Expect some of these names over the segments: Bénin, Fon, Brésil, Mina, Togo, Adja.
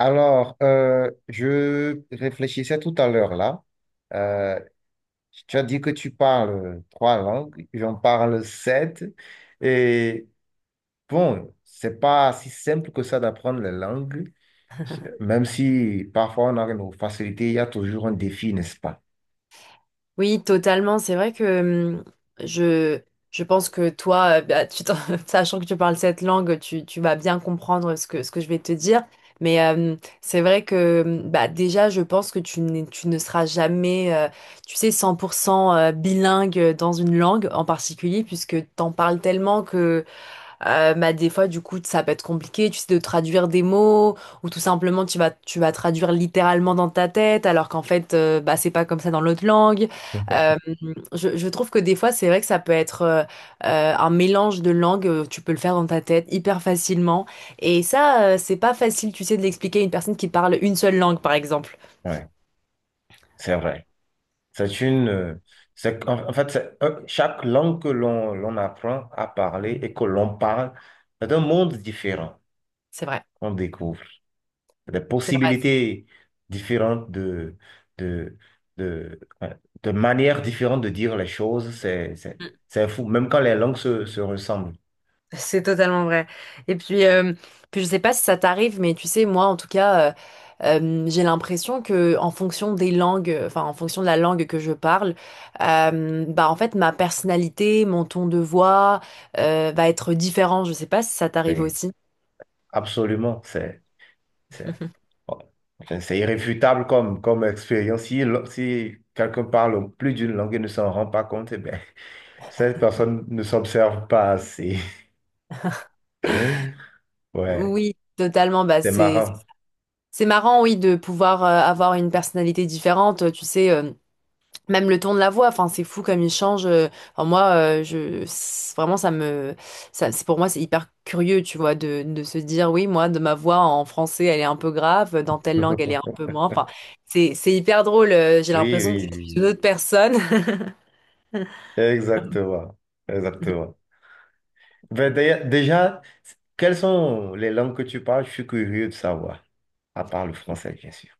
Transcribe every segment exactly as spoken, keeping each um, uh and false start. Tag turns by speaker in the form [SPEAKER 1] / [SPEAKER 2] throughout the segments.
[SPEAKER 1] Alors, euh, je réfléchissais tout à l'heure là. Euh, Tu as dit que tu parles trois langues, j'en parle sept. Et bon, c'est pas si simple que ça d'apprendre les langues,
[SPEAKER 2] Mhm.
[SPEAKER 1] même si parfois on a nos facilités, il y a toujours un défi, n'est-ce pas?
[SPEAKER 2] Oui, totalement. C'est vrai que hum, je, je pense que toi, euh, bah, tu t'en- sachant que tu parles cette langue, tu, tu vas bien comprendre ce que, ce que je vais te dire. Mais euh, c'est vrai que hum, bah, déjà, je pense que tu, n'es- tu ne seras jamais, euh, tu sais, cent pour cent euh, bilingue dans une langue en particulier, puisque t'en parles tellement que euh, bah, des fois, du coup, ça peut être compliqué, tu sais, de traduire des mots, ou tout simplement, tu vas, tu vas traduire littéralement dans ta tête, alors qu'en fait, euh, bah, c'est pas comme ça dans l'autre langue. Euh, je, je trouve que des fois, c'est vrai que ça peut être euh, euh, un mélange de langues, euh, tu peux le faire dans ta tête hyper facilement. Et ça, euh, c'est pas facile, tu sais, de l'expliquer à une personne qui parle une seule langue, par exemple.
[SPEAKER 1] Ouais, c'est vrai. C'est une, euh, c'est, en en fait, c'est un- Chaque langue que l'on l'on apprend à parler et que l'on parle, c'est un monde différent
[SPEAKER 2] C'est vrai,
[SPEAKER 1] qu'on découvre. Des
[SPEAKER 2] c'est vrai.
[SPEAKER 1] possibilités différentes de, de, de, ouais, de manières différentes de dire les choses, c'est, c'est, c'est fou, même quand les langues se, se ressemblent.
[SPEAKER 2] C'est totalement vrai. Et puis, euh, puis je sais pas si ça t'arrive, mais tu sais, moi, en tout cas, euh, euh, j'ai l'impression que en fonction des langues, enfin, en fonction de la langue que je parle, euh, bah, en fait, ma personnalité, mon ton de voix, euh, va être différent. Je sais pas si ça t'arrive
[SPEAKER 1] Oui,
[SPEAKER 2] aussi.
[SPEAKER 1] absolument, c'est, c'est, oh, c'est c'est irréfutable comme, comme expérience. Si, l- si quelqu'un parle plus d'une langue et ne s'en rend pas compte, eh ben, cette personne ne s'observe pas assez. Ouais,
[SPEAKER 2] Oui, totalement. Bah,
[SPEAKER 1] c'est
[SPEAKER 2] c'est,
[SPEAKER 1] marrant.
[SPEAKER 2] c'est marrant, oui, de pouvoir euh, avoir une personnalité différente. Tu sais. euh, Même le ton de la voix, enfin c'est fou comme il change. euh, Enfin, moi, euh, je c'est- vraiment ça me, ça c'est pour moi c'est hyper curieux, tu vois, de, de se dire oui moi de ma voix en français elle est un peu grave, dans telle langue elle est un peu moins. Enfin c'est c'est hyper drôle. euh, J'ai
[SPEAKER 1] Oui,
[SPEAKER 2] l'impression que
[SPEAKER 1] oui,
[SPEAKER 2] je suis
[SPEAKER 1] oui.
[SPEAKER 2] une autre personne.
[SPEAKER 1] Exactement. Exactement. Ben, d'ailleurs, déjà, quelles sont les langues que tu parles? Je suis curieux de savoir. À part le français, bien sûr.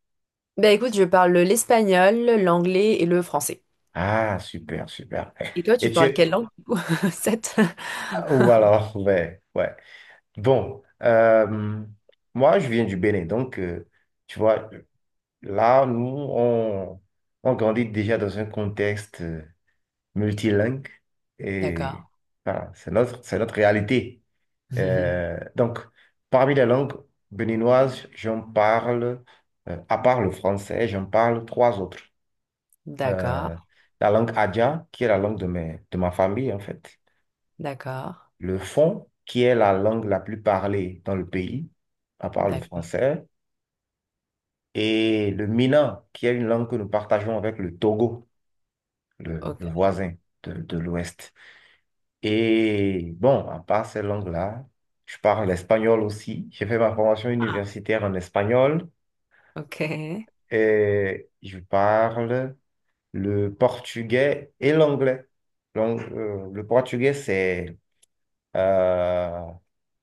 [SPEAKER 2] Ben écoute, je parle l'espagnol, l'anglais et le français.
[SPEAKER 1] Ah, super, super.
[SPEAKER 2] Et toi,
[SPEAKER 1] Et
[SPEAKER 2] tu parles quelle
[SPEAKER 1] tu...
[SPEAKER 2] langue du coup? Sept.
[SPEAKER 1] ah, ou alors, ouais, ouais. Bon, euh, moi, je viens du Bénin. Donc, euh, tu vois, là, nous, on, on grandit déjà dans un contexte. euh, multilingue, et
[SPEAKER 2] D'accord.
[SPEAKER 1] voilà, c'est notre, c'est notre réalité. Euh, donc, parmi les langues béninoises, j'en parle, euh, à part le français, j'en parle trois autres.
[SPEAKER 2] D'accord.
[SPEAKER 1] Euh, la langue Adja, qui est la langue de, mes, de ma famille, en fait.
[SPEAKER 2] D'accord.
[SPEAKER 1] Le Fon, qui est la langue la plus parlée dans le pays, à part le
[SPEAKER 2] D'accord.
[SPEAKER 1] français. Et le Mina, qui est une langue que nous partageons avec le Togo, le,
[SPEAKER 2] Ok.
[SPEAKER 1] le voisin de de l'Ouest. Et bon, à part ces langues-là, je parle espagnol aussi. J'ai fait ma formation universitaire en espagnol
[SPEAKER 2] Ok.
[SPEAKER 1] et je parle le portugais et l'anglais. Donc, euh, le portugais, c'est... euh,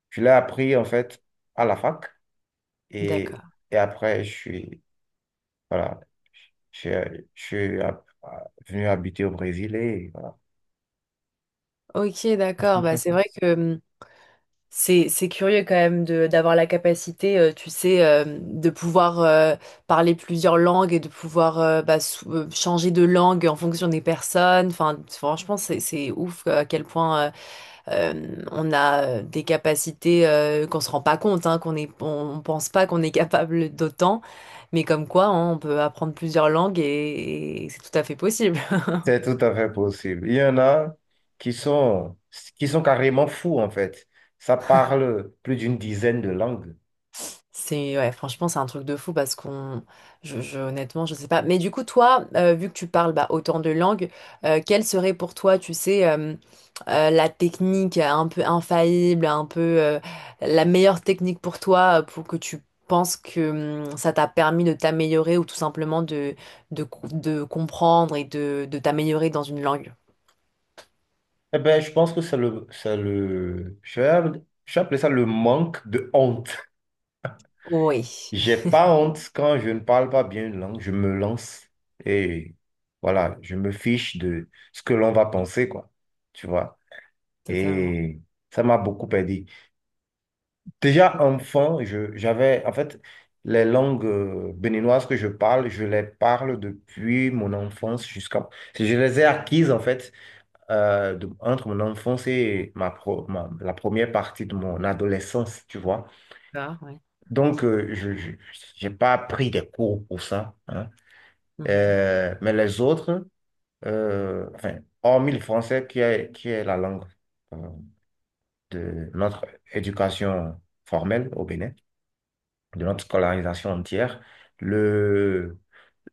[SPEAKER 1] je l'ai appris en fait à la fac et,
[SPEAKER 2] D'accord.
[SPEAKER 1] et après, je suis... Voilà, je, je suis euh, venu habiter au Brésil et voilà.
[SPEAKER 2] Ok, d'accord. Bah, c'est vrai que hmm, C'est, c'est curieux quand même de d'avoir la capacité, euh, tu sais, euh, de pouvoir euh, parler plusieurs langues et de pouvoir euh, bah, sou- euh, changer de langue en fonction des personnes. Enfin, franchement, c'est, c'est ouf euh, à quel point euh, euh, on a euh, des capacités euh, qu'on se rend pas compte, hein, qu'on est, on, on pense pas qu'on est capable d'autant, mais comme quoi, hein, on peut apprendre plusieurs langues et, et c'est tout à fait possible.
[SPEAKER 1] C'est tout à fait possible. Il y en a qui sont, qui sont carrément fous, en fait. Ça parle plus d'une dizaine de langues.
[SPEAKER 2] C'est ouais, franchement, c'est un truc de fou parce qu'on, je, je- honnêtement, je sais pas. Mais du coup, toi, euh, vu que tu parles bah, autant de langues, euh, quelle serait pour toi, tu sais, euh, euh, la technique un peu infaillible, un peu euh, la meilleure technique pour toi, euh, pour que tu penses que hum, ça t'a permis de t'améliorer ou tout simplement de, de, co- de comprendre et de, de t'améliorer dans une langue?
[SPEAKER 1] Eh ben je pense que c'est le, c'est le, je vais, je vais appeler ça le manque de honte.
[SPEAKER 2] Oui,
[SPEAKER 1] J'ai pas honte quand je ne parle pas bien une langue. Je me lance et voilà, je me fiche de ce que l'on va penser, quoi. Tu vois?
[SPEAKER 2] totalement.
[SPEAKER 1] Et ça m'a beaucoup aidé. Déjà
[SPEAKER 2] Ok,
[SPEAKER 1] enfant, je, j'avais, en fait, les langues euh, béninoises que je parle, je les parle depuis mon enfance jusqu'à... Je les ai acquises, en fait, euh, de- entre mon enfance et ma, pro- ma- la première partie de mon adolescence, tu vois.
[SPEAKER 2] ouais.
[SPEAKER 1] Donc, euh, je, je, j'ai pas pris des cours pour ça, hein.
[SPEAKER 2] Mhm.
[SPEAKER 1] Euh, mais les autres, euh, enfin, hormis le français qui est, qui est la langue euh, de notre éducation formelle au Bénin, de notre scolarisation entière. Le...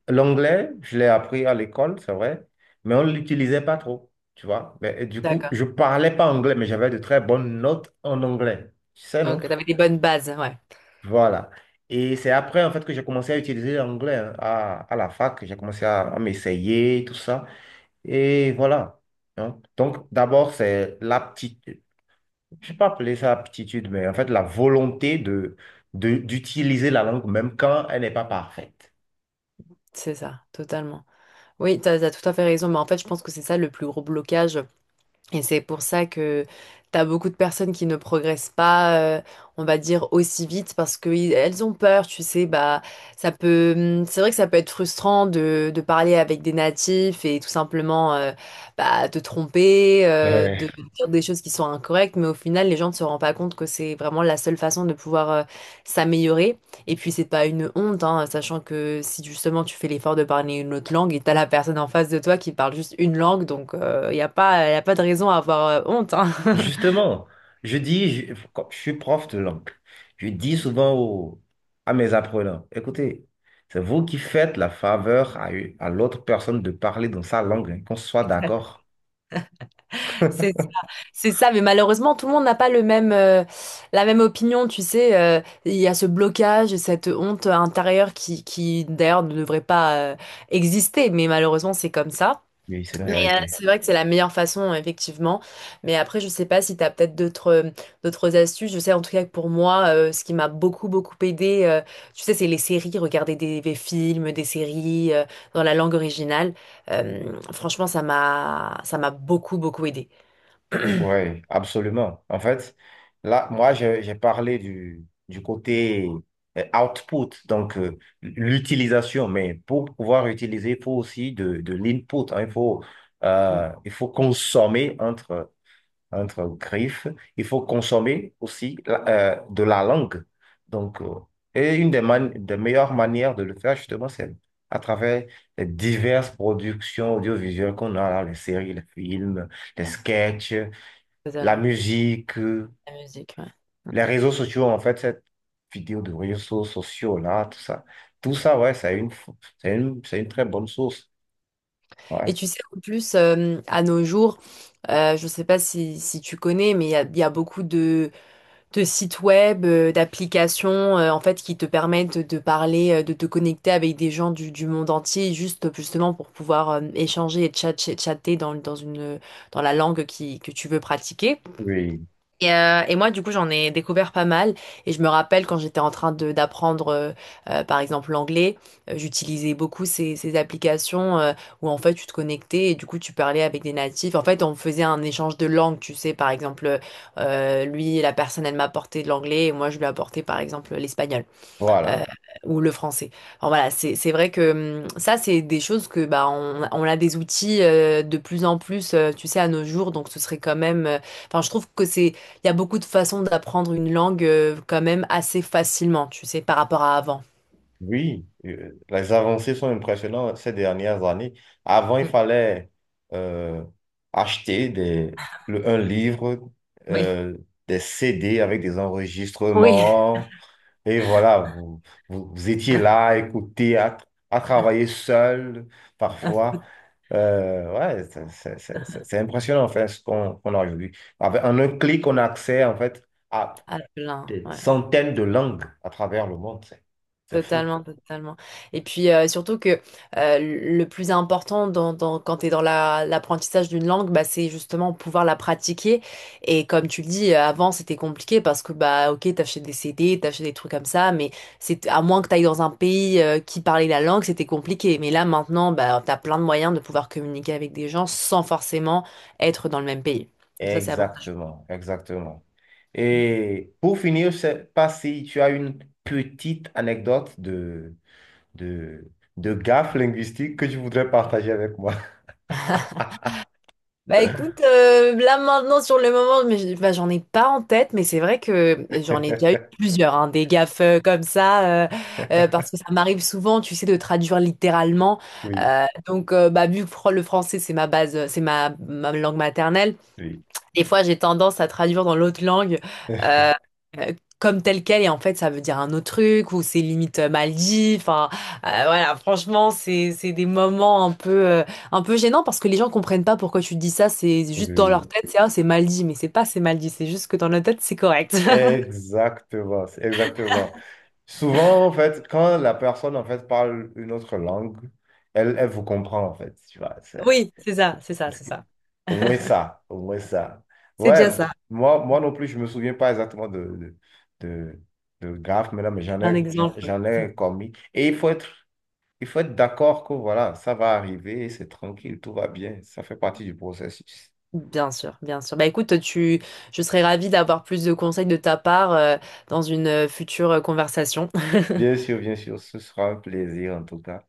[SPEAKER 1] L'anglais, je l'ai appris à l'école, c'est vrai, mais on ne l'utilisait pas trop, tu vois. Mais, et du coup,
[SPEAKER 2] D'accord.
[SPEAKER 1] je ne parlais pas anglais, mais j'avais de très bonnes notes en anglais. Tu sais, non?
[SPEAKER 2] Ok, t'avais des bonnes bases, ouais.
[SPEAKER 1] Voilà. Et c'est après, en fait, que j'ai commencé à utiliser l'anglais, hein, à, à la fac. J'ai commencé à, à m'essayer, tout ça. Et voilà, hein. Donc, d'abord, c'est l'aptitude. Je ne vais pas appeler ça aptitude, mais en fait, la volonté de, de- d'utiliser la langue, même quand elle n'est pas parfaite.
[SPEAKER 2] C'est ça, totalement. Oui, t'as, as tout à fait raison, mais en fait, je pense que c'est ça le plus gros blocage. Et c'est pour ça que t'as beaucoup de personnes qui ne progressent pas, euh, on va dire, aussi vite parce que i- elles ont peur, tu sais, bah, ça peut, hum, c'est vrai que ça peut être frustrant de, de parler avec des natifs et tout simplement, euh, bah, te tromper, euh,
[SPEAKER 1] Ouais.
[SPEAKER 2] de dire des choses qui sont incorrectes, mais au final, les gens ne se rendent pas compte que c'est vraiment la seule façon de pouvoir, euh, s'améliorer. Et puis c'est pas une honte, hein, sachant que si justement tu fais l'effort de parler une autre langue et t'as la personne en face de toi qui parle juste une langue, donc il n'y a pas, y a pas de raison à avoir euh, honte. Hein.
[SPEAKER 1] Justement, je dis, je, quand je suis prof de langue, je dis souvent aux à mes apprenants, écoutez, c'est vous qui faites la faveur à, une- à l'autre personne de parler dans sa langue, hein, qu'on soit d'accord.
[SPEAKER 2] C'est ça, c'est ça, mais malheureusement tout le monde n'a pas le même, euh, la même opinion, tu sais. euh, Il y a ce blocage, et cette honte intérieure qui, qui d'ailleurs ne devrait pas euh, exister, mais malheureusement c'est comme ça.
[SPEAKER 1] Mais c'est une
[SPEAKER 2] Mais euh,
[SPEAKER 1] réalité.
[SPEAKER 2] c'est vrai que c'est la meilleure façon, effectivement. Mais après, je sais pas si tu as peut-être d'autres euh, d'autres astuces. Je sais en tout cas que pour moi, euh, ce qui m'a beaucoup, beaucoup aidé, euh, tu sais, c'est les séries, regarder des, des films, des séries euh, dans la langue originale. Euh, Franchement, ça m'a ça m'a beaucoup, beaucoup aidé.
[SPEAKER 1] Oui, absolument. En fait, là, moi, j'ai j'ai parlé du, du côté euh, output, donc euh, l'utilisation, mais pour pouvoir utiliser, il faut aussi de, de l'input, hein, il faut, euh, il faut consommer entre entre griffes. Il faut consommer aussi la- euh, de la langue. Donc, euh, et une des, man- des meilleures manières de le faire, justement, c'est à travers les diverses productions audiovisuelles qu'on a, là, les séries, les films, les sketchs, la
[SPEAKER 2] Totalement.
[SPEAKER 1] musique, euh,
[SPEAKER 2] La musique, ouais.
[SPEAKER 1] les réseaux sociaux, en fait, cette vidéo de réseaux sociaux, là, tout ça. Tout ça, ouais, c'est une, f- c'est une, c'est une très bonne source.
[SPEAKER 2] Et
[SPEAKER 1] Ouais.
[SPEAKER 2] tu sais, en plus, euh, à nos jours, euh, je ne sais pas si, si tu connais, mais il y a, il y a beaucoup de, de sites web, euh, d'applications, euh, en fait, qui te permettent de parler, euh, de te connecter avec des gens du, du monde entier, juste justement pour pouvoir euh, échanger et tchat- tchat- chatter dans, dans une, dans la langue qui, que tu veux pratiquer.
[SPEAKER 1] Oui.
[SPEAKER 2] Et, euh, et moi, du coup, j'en ai découvert pas mal. Et je me rappelle quand j'étais en train de d'apprendre, euh, euh, par exemple, l'anglais, euh, j'utilisais beaucoup ces, ces applications euh, où en fait, tu te connectais et du coup, tu parlais avec des natifs. En fait, on faisait un échange de langues, tu sais. Par exemple, euh, lui, la personne, elle m'apportait de l'anglais et moi, je lui apportais, par exemple, l'espagnol euh,
[SPEAKER 1] Voilà.
[SPEAKER 2] ou le français. Alors voilà, c'est c'est vrai que hum, ça, c'est des choses que bah on, on a des outils euh, de plus en plus, euh, tu sais, à nos jours. Donc ce serait quand même. euh, Enfin, je trouve que c'est il y a beaucoup de façons d'apprendre une langue euh, quand même assez facilement, tu sais, par rapport à avant.
[SPEAKER 1] Oui, euh, les avancées sont impressionnantes ces dernières années. Avant, il
[SPEAKER 2] Mm.
[SPEAKER 1] fallait euh, acheter des, le- un livre,
[SPEAKER 2] Oui.
[SPEAKER 1] euh, des C D avec des
[SPEAKER 2] Oui,
[SPEAKER 1] enregistrements. Et voilà, vous, vous, vous étiez là à écouter, à, à travailler seul parfois. Euh, ouais, c'est c'est- c'est- c'est- c'est impressionnant en fait ce qu'on qu'on a aujourd'hui. Avec- en un clic, on a accès en fait à
[SPEAKER 2] à plein.
[SPEAKER 1] des
[SPEAKER 2] Ouais.
[SPEAKER 1] centaines de langues à travers le monde. C'est c'est fou.
[SPEAKER 2] Totalement, totalement. Et puis euh, surtout que euh, le plus important dans, dans- quand tu es dans la- l'apprentissage d'une langue, bah, c'est justement pouvoir la pratiquer. Et comme tu le dis, euh, avant c'était compliqué parce que bah ok, t'achetais des C D, t'achetais des trucs comme ça, mais c'est à moins que tu ailles dans un pays euh, qui parlait la langue, c'était compliqué. Mais là maintenant, bah, tu as plein de moyens de pouvoir communiquer avec des gens sans forcément être dans le même pays. Donc ça, c'est avant.
[SPEAKER 1] Exactement, exactement. Et pour finir, je sais pas si tu as une petite anecdote de, de, de gaffe linguistique que tu voudrais partager avec moi.
[SPEAKER 2] Bah écoute, euh, là maintenant sur le moment, mais je- bah, j'en ai pas en tête, mais c'est vrai que j'en ai déjà eu plusieurs, hein, des gaffes euh, comme ça, euh, euh, parce que ça m'arrive souvent, tu sais, de traduire littéralement.
[SPEAKER 1] Oui,
[SPEAKER 2] Euh, donc euh, bah vu que fr- le français c'est ma base, euh, c'est ma, ma langue maternelle,
[SPEAKER 1] oui,
[SPEAKER 2] des fois, j'ai tendance à traduire dans l'autre langue euh, euh, comme tel quel, et en fait, ça veut dire un autre truc, ou c'est limite euh, mal dit. Enfin, euh, voilà, franchement, c'est c'est des moments un peu euh, un peu gênants parce que les gens comprennent pas pourquoi tu dis ça. C'est juste dans
[SPEAKER 1] oui.
[SPEAKER 2] leur tête, c'est ah, c'est mal dit, mais c'est pas c'est mal dit, c'est juste que dans leur tête, c'est correct.
[SPEAKER 1] Exactement, c'est exactement. Souvent, en fait, quand la personne, en fait, parle une autre langue, elle, elle vous comprend, en fait, tu vois.
[SPEAKER 2] Oui, c'est ça, c'est ça,
[SPEAKER 1] Parce
[SPEAKER 2] c'est
[SPEAKER 1] que-
[SPEAKER 2] ça.
[SPEAKER 1] Au moins ça, au moins ça.
[SPEAKER 2] C'est
[SPEAKER 1] Ouais,
[SPEAKER 2] déjà ça.
[SPEAKER 1] moi, moi non plus, je me souviens pas exactement de, de, de, de graphes maintenant, mais j'en
[SPEAKER 2] Un
[SPEAKER 1] ai, j'en
[SPEAKER 2] exemple.
[SPEAKER 1] j'en ai commis. Et il faut être, il faut être d'accord que voilà, ça va arriver, c'est tranquille, tout va bien, ça fait partie du processus.
[SPEAKER 2] Bien sûr, bien sûr. Bah écoute, tu, je serais ravie d'avoir plus de conseils de ta part euh, dans une euh, future euh, conversation.
[SPEAKER 1] Bien sûr, bien sûr, ce sera un plaisir en tout cas.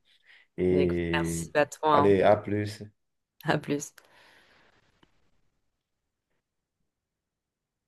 [SPEAKER 2] Mais écoute, merci
[SPEAKER 1] Et
[SPEAKER 2] à toi.
[SPEAKER 1] allez,
[SPEAKER 2] Hein.
[SPEAKER 1] à plus.
[SPEAKER 2] À plus.